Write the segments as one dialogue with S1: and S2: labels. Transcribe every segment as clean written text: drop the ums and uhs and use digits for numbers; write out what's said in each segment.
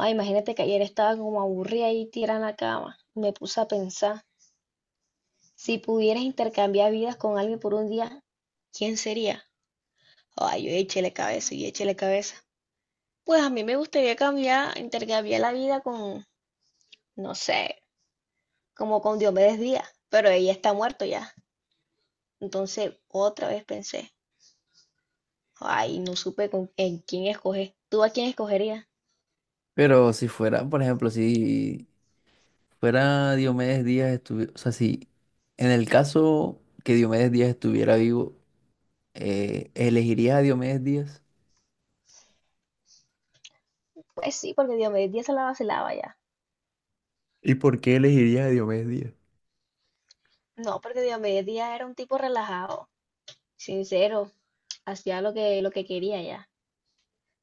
S1: Ay, imagínate que ayer estaba como aburrida y tirada en la cama. Me puse a pensar, si pudieras intercambiar vidas con alguien por un día, ¿quién sería? Ay, yo échele cabeza y échele cabeza. Pues a mí me gustaría cambiar, intercambiar la vida con, no sé, como con Diomedes Díaz, pero ella está muerto ya. Entonces, otra vez pensé, ay, no supe con, en quién escoger. ¿Tú a quién escogerías?
S2: Pero si fuera, por ejemplo, si fuera Diomedes Díaz, si en el caso que Diomedes Díaz estuviera vivo, ¿elegirías a Diomedes Díaz?
S1: Pues sí, porque Diomedes Díaz se la vacilaba ya.
S2: ¿Y por qué elegirías a Diomedes Díaz?
S1: No, porque Diomedes Díaz era un tipo relajado, sincero, hacía lo que quería ya.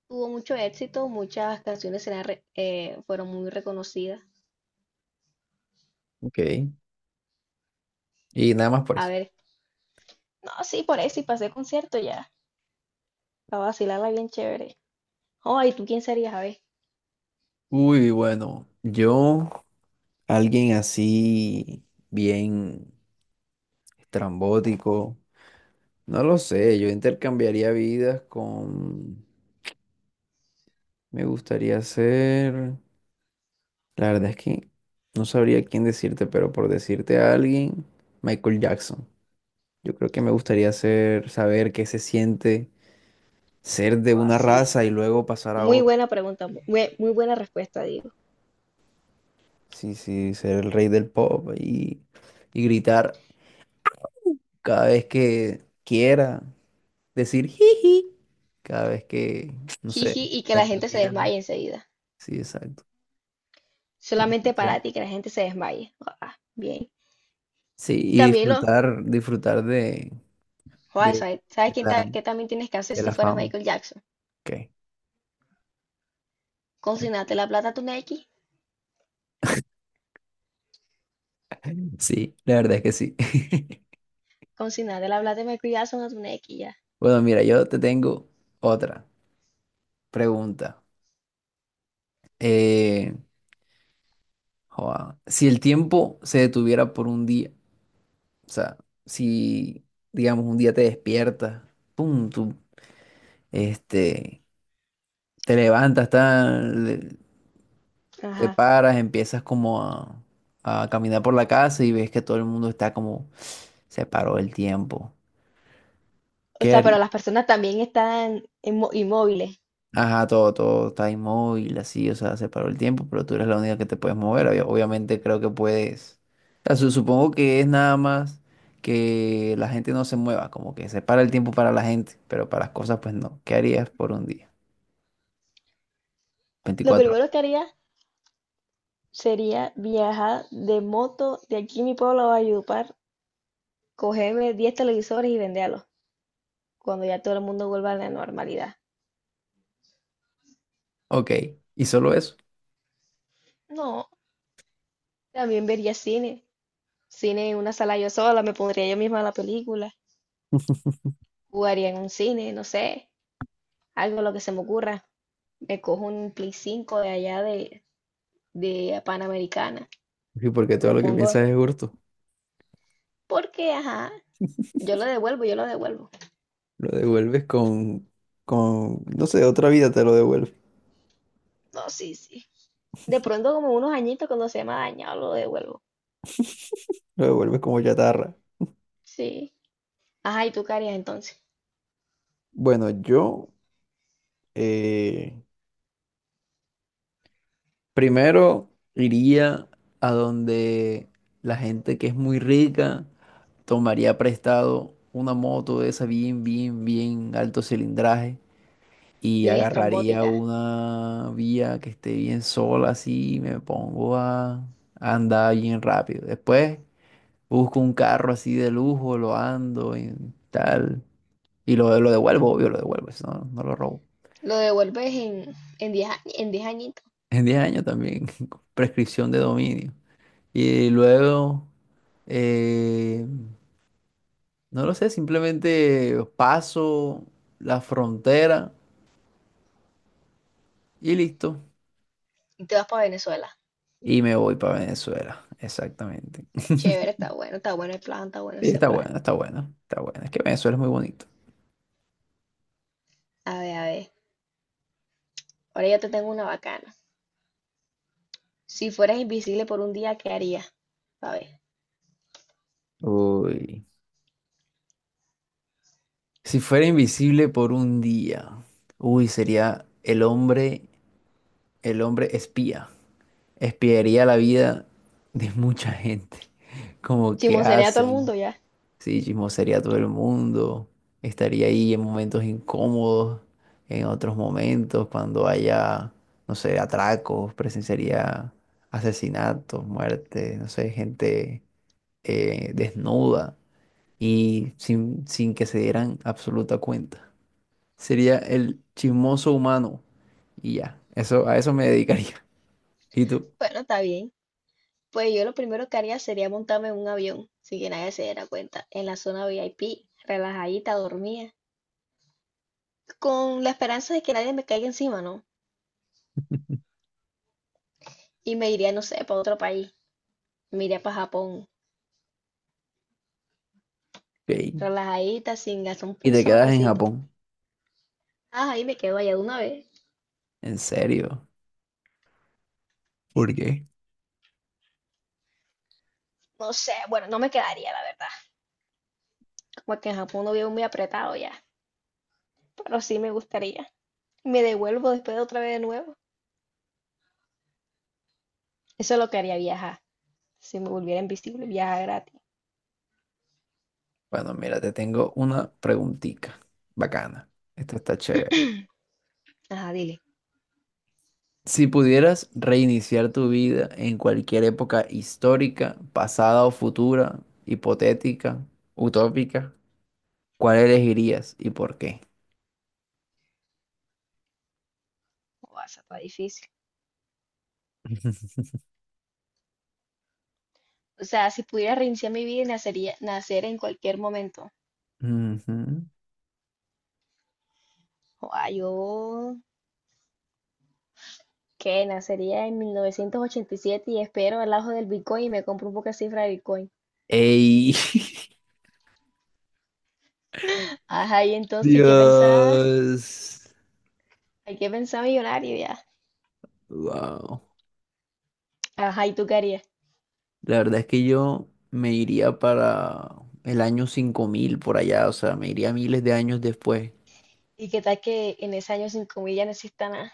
S1: Tuvo mucho éxito, muchas canciones eran fueron muy reconocidas.
S2: Ok. Y nada más por
S1: A
S2: eso.
S1: ver, no, sí, por ahí sí pasé concierto ya, para vacilarla bien chévere. Oh, ¿y tú quién serías, a ver?
S2: Uy, bueno, yo, alguien así, bien estrambótico, no lo sé, yo intercambiaría vidas con, me gustaría ser... La verdad es que no sabría quién decirte, pero por decirte a alguien, Michael Jackson. Yo creo que me gustaría ser, saber qué se siente ser de
S1: Oh,
S2: una
S1: sí.
S2: raza y luego pasar a
S1: Muy
S2: otra.
S1: buena pregunta, muy, muy buena respuesta, digo.
S2: Sí, sí, ser el rey del pop y gritar cada vez que quiera, decir jiji, cada vez que, no
S1: Jiji,
S2: sé,
S1: y que la
S2: tenga
S1: gente se
S2: miedo.
S1: desmaye enseguida.
S2: Sí, exacto.
S1: Solamente para
S2: Ser-
S1: ti, que la gente se desmaye. Ah, bien.
S2: Sí, y
S1: También lo...
S2: disfrutar, disfrutar de,
S1: Joder, ¿sabes
S2: de la,
S1: qué también tienes que hacer
S2: de
S1: si
S2: la
S1: fueras
S2: fama.
S1: Michael Jackson?
S2: Ok.
S1: Consignarte la plata a tu Nequi.
S2: Sí, la verdad es que sí.
S1: Consignarte la plata de Michael Jackson a tu Nequi, ya.
S2: Bueno, mira, yo te tengo otra pregunta. Eh, joa, si el tiempo se detuviera por un día, o sea, si, digamos, un día te despiertas, pum, tú, este, te levantas, tal, te
S1: Ajá.
S2: paras, a caminar por la casa y ves que todo el mundo está como, se paró el tiempo.
S1: O
S2: ¿Qué
S1: sea, pero
S2: harías?
S1: las personas también están inmóviles.
S2: Ajá, todo está inmóvil, así, o sea, se paró el tiempo, pero tú eres la única que te puedes mover. Obviamente creo que puedes. O sea, supongo que es nada más que la gente no se mueva, como que se para el tiempo para la gente, pero para las cosas, pues no. ¿Qué harías por un día?
S1: Lo
S2: 24 horas.
S1: primero que haría sería viajar de moto de aquí mi pueblo a Valledupar, cogerme 10 televisores y venderlos cuando ya todo el mundo vuelva a la normalidad.
S2: Ok, y solo eso.
S1: No, también vería cine. Cine en una sala yo sola, me pondría yo misma la película. Jugaría en un cine, no sé, algo lo que se me ocurra. Me cojo un Play 5 de allá de Panamericana.
S2: Y porque todo
S1: Lo
S2: lo que
S1: pongo
S2: piensas es hurto.
S1: porque, ajá, yo lo devuelvo.
S2: Lo devuelves con no sé, otra vida te lo devuelve.
S1: No, sí, sí. De pronto como unos añitos cuando se me ha dañado lo devuelvo.
S2: Lo devuelves como chatarra.
S1: Sí. Ajá, ¿y tú qué harías entonces?
S2: Bueno, yo, eh, primero iría a donde la gente que es muy rica, tomaría prestado una moto de esa bien alto cilindraje y
S1: Bien
S2: agarraría
S1: estrambótica.
S2: una vía que esté bien sola así y a andar bien rápido. Después busco un carro así de lujo, lo ando y tal y lo devuelvo, obvio, lo devuelvo, eso no lo robo.
S1: Lo devuelves en en 10 añitos
S2: En 10 años también, prescripción de dominio. Y luego, eh, no lo sé, simplemente paso la frontera y listo.
S1: y te vas para Venezuela.
S2: Y me voy para Venezuela, exactamente.
S1: Chévere, está bueno el plan, está bueno
S2: Y
S1: ese
S2: está
S1: plan.
S2: bueno, está bueno, está bueno. Es que Venezuela es muy bonito.
S1: A ver, a ver. Ahora ya te tengo una bacana. Si fueras invisible por un día, ¿qué harías? A ver.
S2: Uy. Si fuera invisible por un día, uy, sería el hombre espía. Espiaría la vida de mucha gente. Como que
S1: Chismosearía a todo el
S2: hacen.
S1: mundo ya.
S2: Sí, chismosaría a todo el mundo. Estaría ahí en momentos incómodos, en otros momentos, cuando haya, no sé, atracos, presenciaría asesinatos, muertes, no sé, gente desnuda y sin que se dieran absoluta cuenta. Sería el chismoso humano y ya. Eso, a eso me dedicaría. ¿Y tú?
S1: Bueno, está bien. Pues yo lo primero que haría sería montarme en un avión, sin que nadie se diera cuenta, en la zona VIP, relajadita, dormida, con la esperanza de que nadie me caiga encima, ¿no? Y me iría, no sé, para otro país. Me iría para Japón.
S2: Ok.
S1: Relajadita, sin gastar
S2: Y
S1: un
S2: te
S1: solo
S2: quedas en
S1: pesito.
S2: Japón.
S1: Ah, ahí me quedo allá de una vez.
S2: ¿En serio? ¿Por qué?
S1: No sé, bueno, no me quedaría, la verdad. Como que en Japón no vivo muy apretado ya. Pero sí me gustaría. Me devuelvo después de otra vez de nuevo. Eso es lo que haría viajar. Si me volviera invisible, viajar gratis.
S2: Bueno, mira, te tengo una preguntita bacana. Esta está chévere.
S1: Ajá, dile.
S2: Si pudieras reiniciar tu vida en cualquier época histórica, pasada o futura, hipotética, utópica, ¿cuál elegirías y por qué?
S1: O sea, está difícil. O sea, si pudiera reiniciar mi vida, nacer en cualquier momento.
S2: Ujú.
S1: O sea, yo ¿qué nacería en 1987 y siete y espero al ajo del Bitcoin y me compro un poco de cifra de Bitcoin.
S2: ¡Ey!
S1: Ajá, y entonces, ¿y qué pensaba?
S2: Dios.
S1: ¿Hay que pensar millonario ya?
S2: Wow.
S1: Ajá, ¿y tú qué harías?
S2: La verdad es que yo me iría para el año 5000 por allá, o sea, me iría miles de años después.
S1: ¿Y qué tal que en ese año sin comida no exista nada?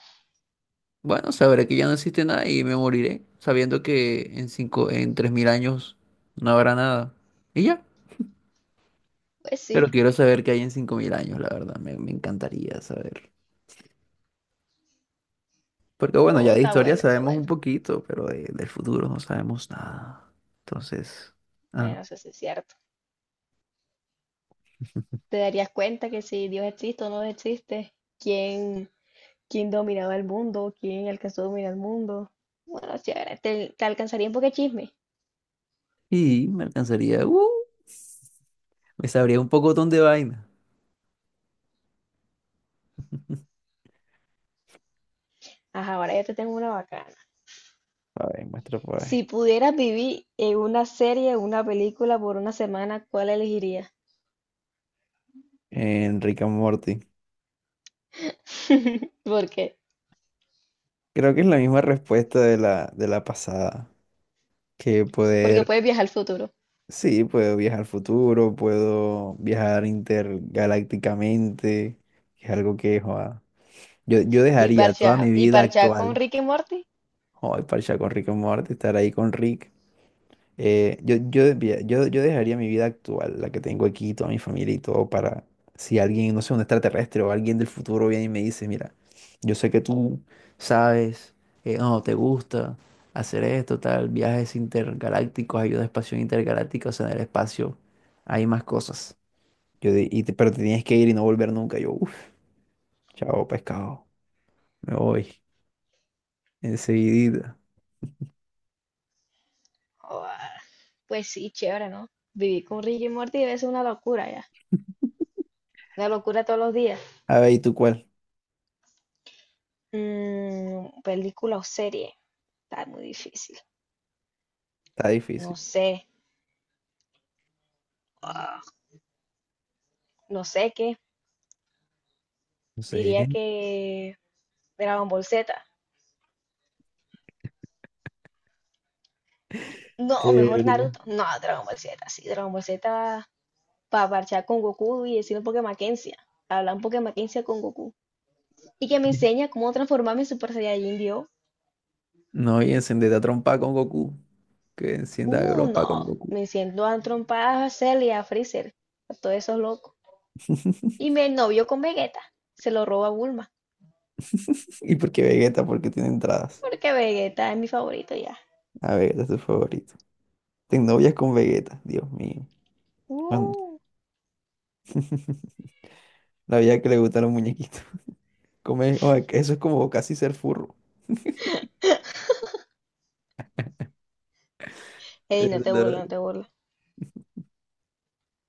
S2: Bueno, sabré que ya no existe nada y me moriré, sabiendo que en cinco, en 3000 años no habrá nada. Y ya.
S1: Pues sí,
S2: Pero quiero saber qué hay en 5000 años, la verdad. Me encantaría saber. Porque bueno, ya
S1: no,
S2: de
S1: está
S2: historia
S1: bueno, está
S2: sabemos
S1: bueno.
S2: un poquito, pero del futuro no sabemos nada. Entonces, ah,
S1: Bueno, eso sí es cierto. Te darías cuenta que si Dios existe o no existe, quién, quién dominaba el mundo, quién alcanzó a dominar el mundo. Bueno, chévere, te alcanzaría un poco de chisme.
S2: y me alcanzaría, me sabría un poco de vaina.
S1: Ajá, ahora ya te tengo una bacana.
S2: A ver, muestra por
S1: Si
S2: ahí.
S1: pudieras vivir en una serie o una película por una semana, ¿cuál elegirías?
S2: En Rick and Morty.
S1: ¿Por qué?
S2: Creo que es la misma respuesta de la pasada. Que
S1: Porque
S2: poder
S1: puedes viajar al futuro.
S2: sí, puedo viajar al futuro, puedo viajar intergalácticamente, que es algo que joa, yo dejaría toda mi
S1: Y
S2: vida
S1: parchar con
S2: actual.
S1: Rick y Morty,
S2: Joder, parchar con Rick y Morty, estar ahí con Rick. Mira, yo dejaría mi vida actual, la que tengo aquí, toda mi familia y todo, para si alguien, no sé, un extraterrestre o alguien del futuro viene y me dice, mira, yo sé que tú sabes, no, te gusta hacer esto, tal, viajes intergalácticos, ayuda a espacio intergaláctica, o sea, en el espacio hay más cosas. Yo di- y te- Pero te tienes que ir y no volver nunca. Yo, uff, chao, pescado, me voy enseguidita.
S1: joda, pues sí, chévere, ¿no? Vivir con Rick y Morty debe ser una locura ya, una locura todos los días.
S2: A ver, ¿y tú cuál?
S1: Mm, película o serie, está muy difícil.
S2: Está
S1: No
S2: difícil.
S1: sé, ah, no sé qué.
S2: No sé.
S1: Diría que Dragon Ball Z. No,
S2: Es
S1: mejor
S2: verdad.
S1: Naruto. No, Dragon Ball Z, sí, Dragon Ball Z para parchar con Goku y decir un Pokémon Quencia. Hablar un Pokémon Quencia con Goku. Y que me enseña cómo transformarme en Super Saiyajin Dios.
S2: No, y encendete a trompa con Goku. Que encienda a trompa con
S1: No,
S2: Goku.
S1: me siento a trompadas a Cell y a Freezer, a todos esos locos. Y me novio con Vegeta, se lo roba a Bulma,
S2: ¿Y por qué Vegeta? Porque tiene entradas.
S1: porque Vegeta es mi favorito ya.
S2: A Vegeta es su favorito. Ten novias con Vegeta, Dios mío. Cuan-
S1: Uh,
S2: La vida que le gusta a los muñequitos. O sea, que eso es como casi ser furro.
S1: ey,
S2: Es
S1: no te burles,
S2: verdad.
S1: no te burles.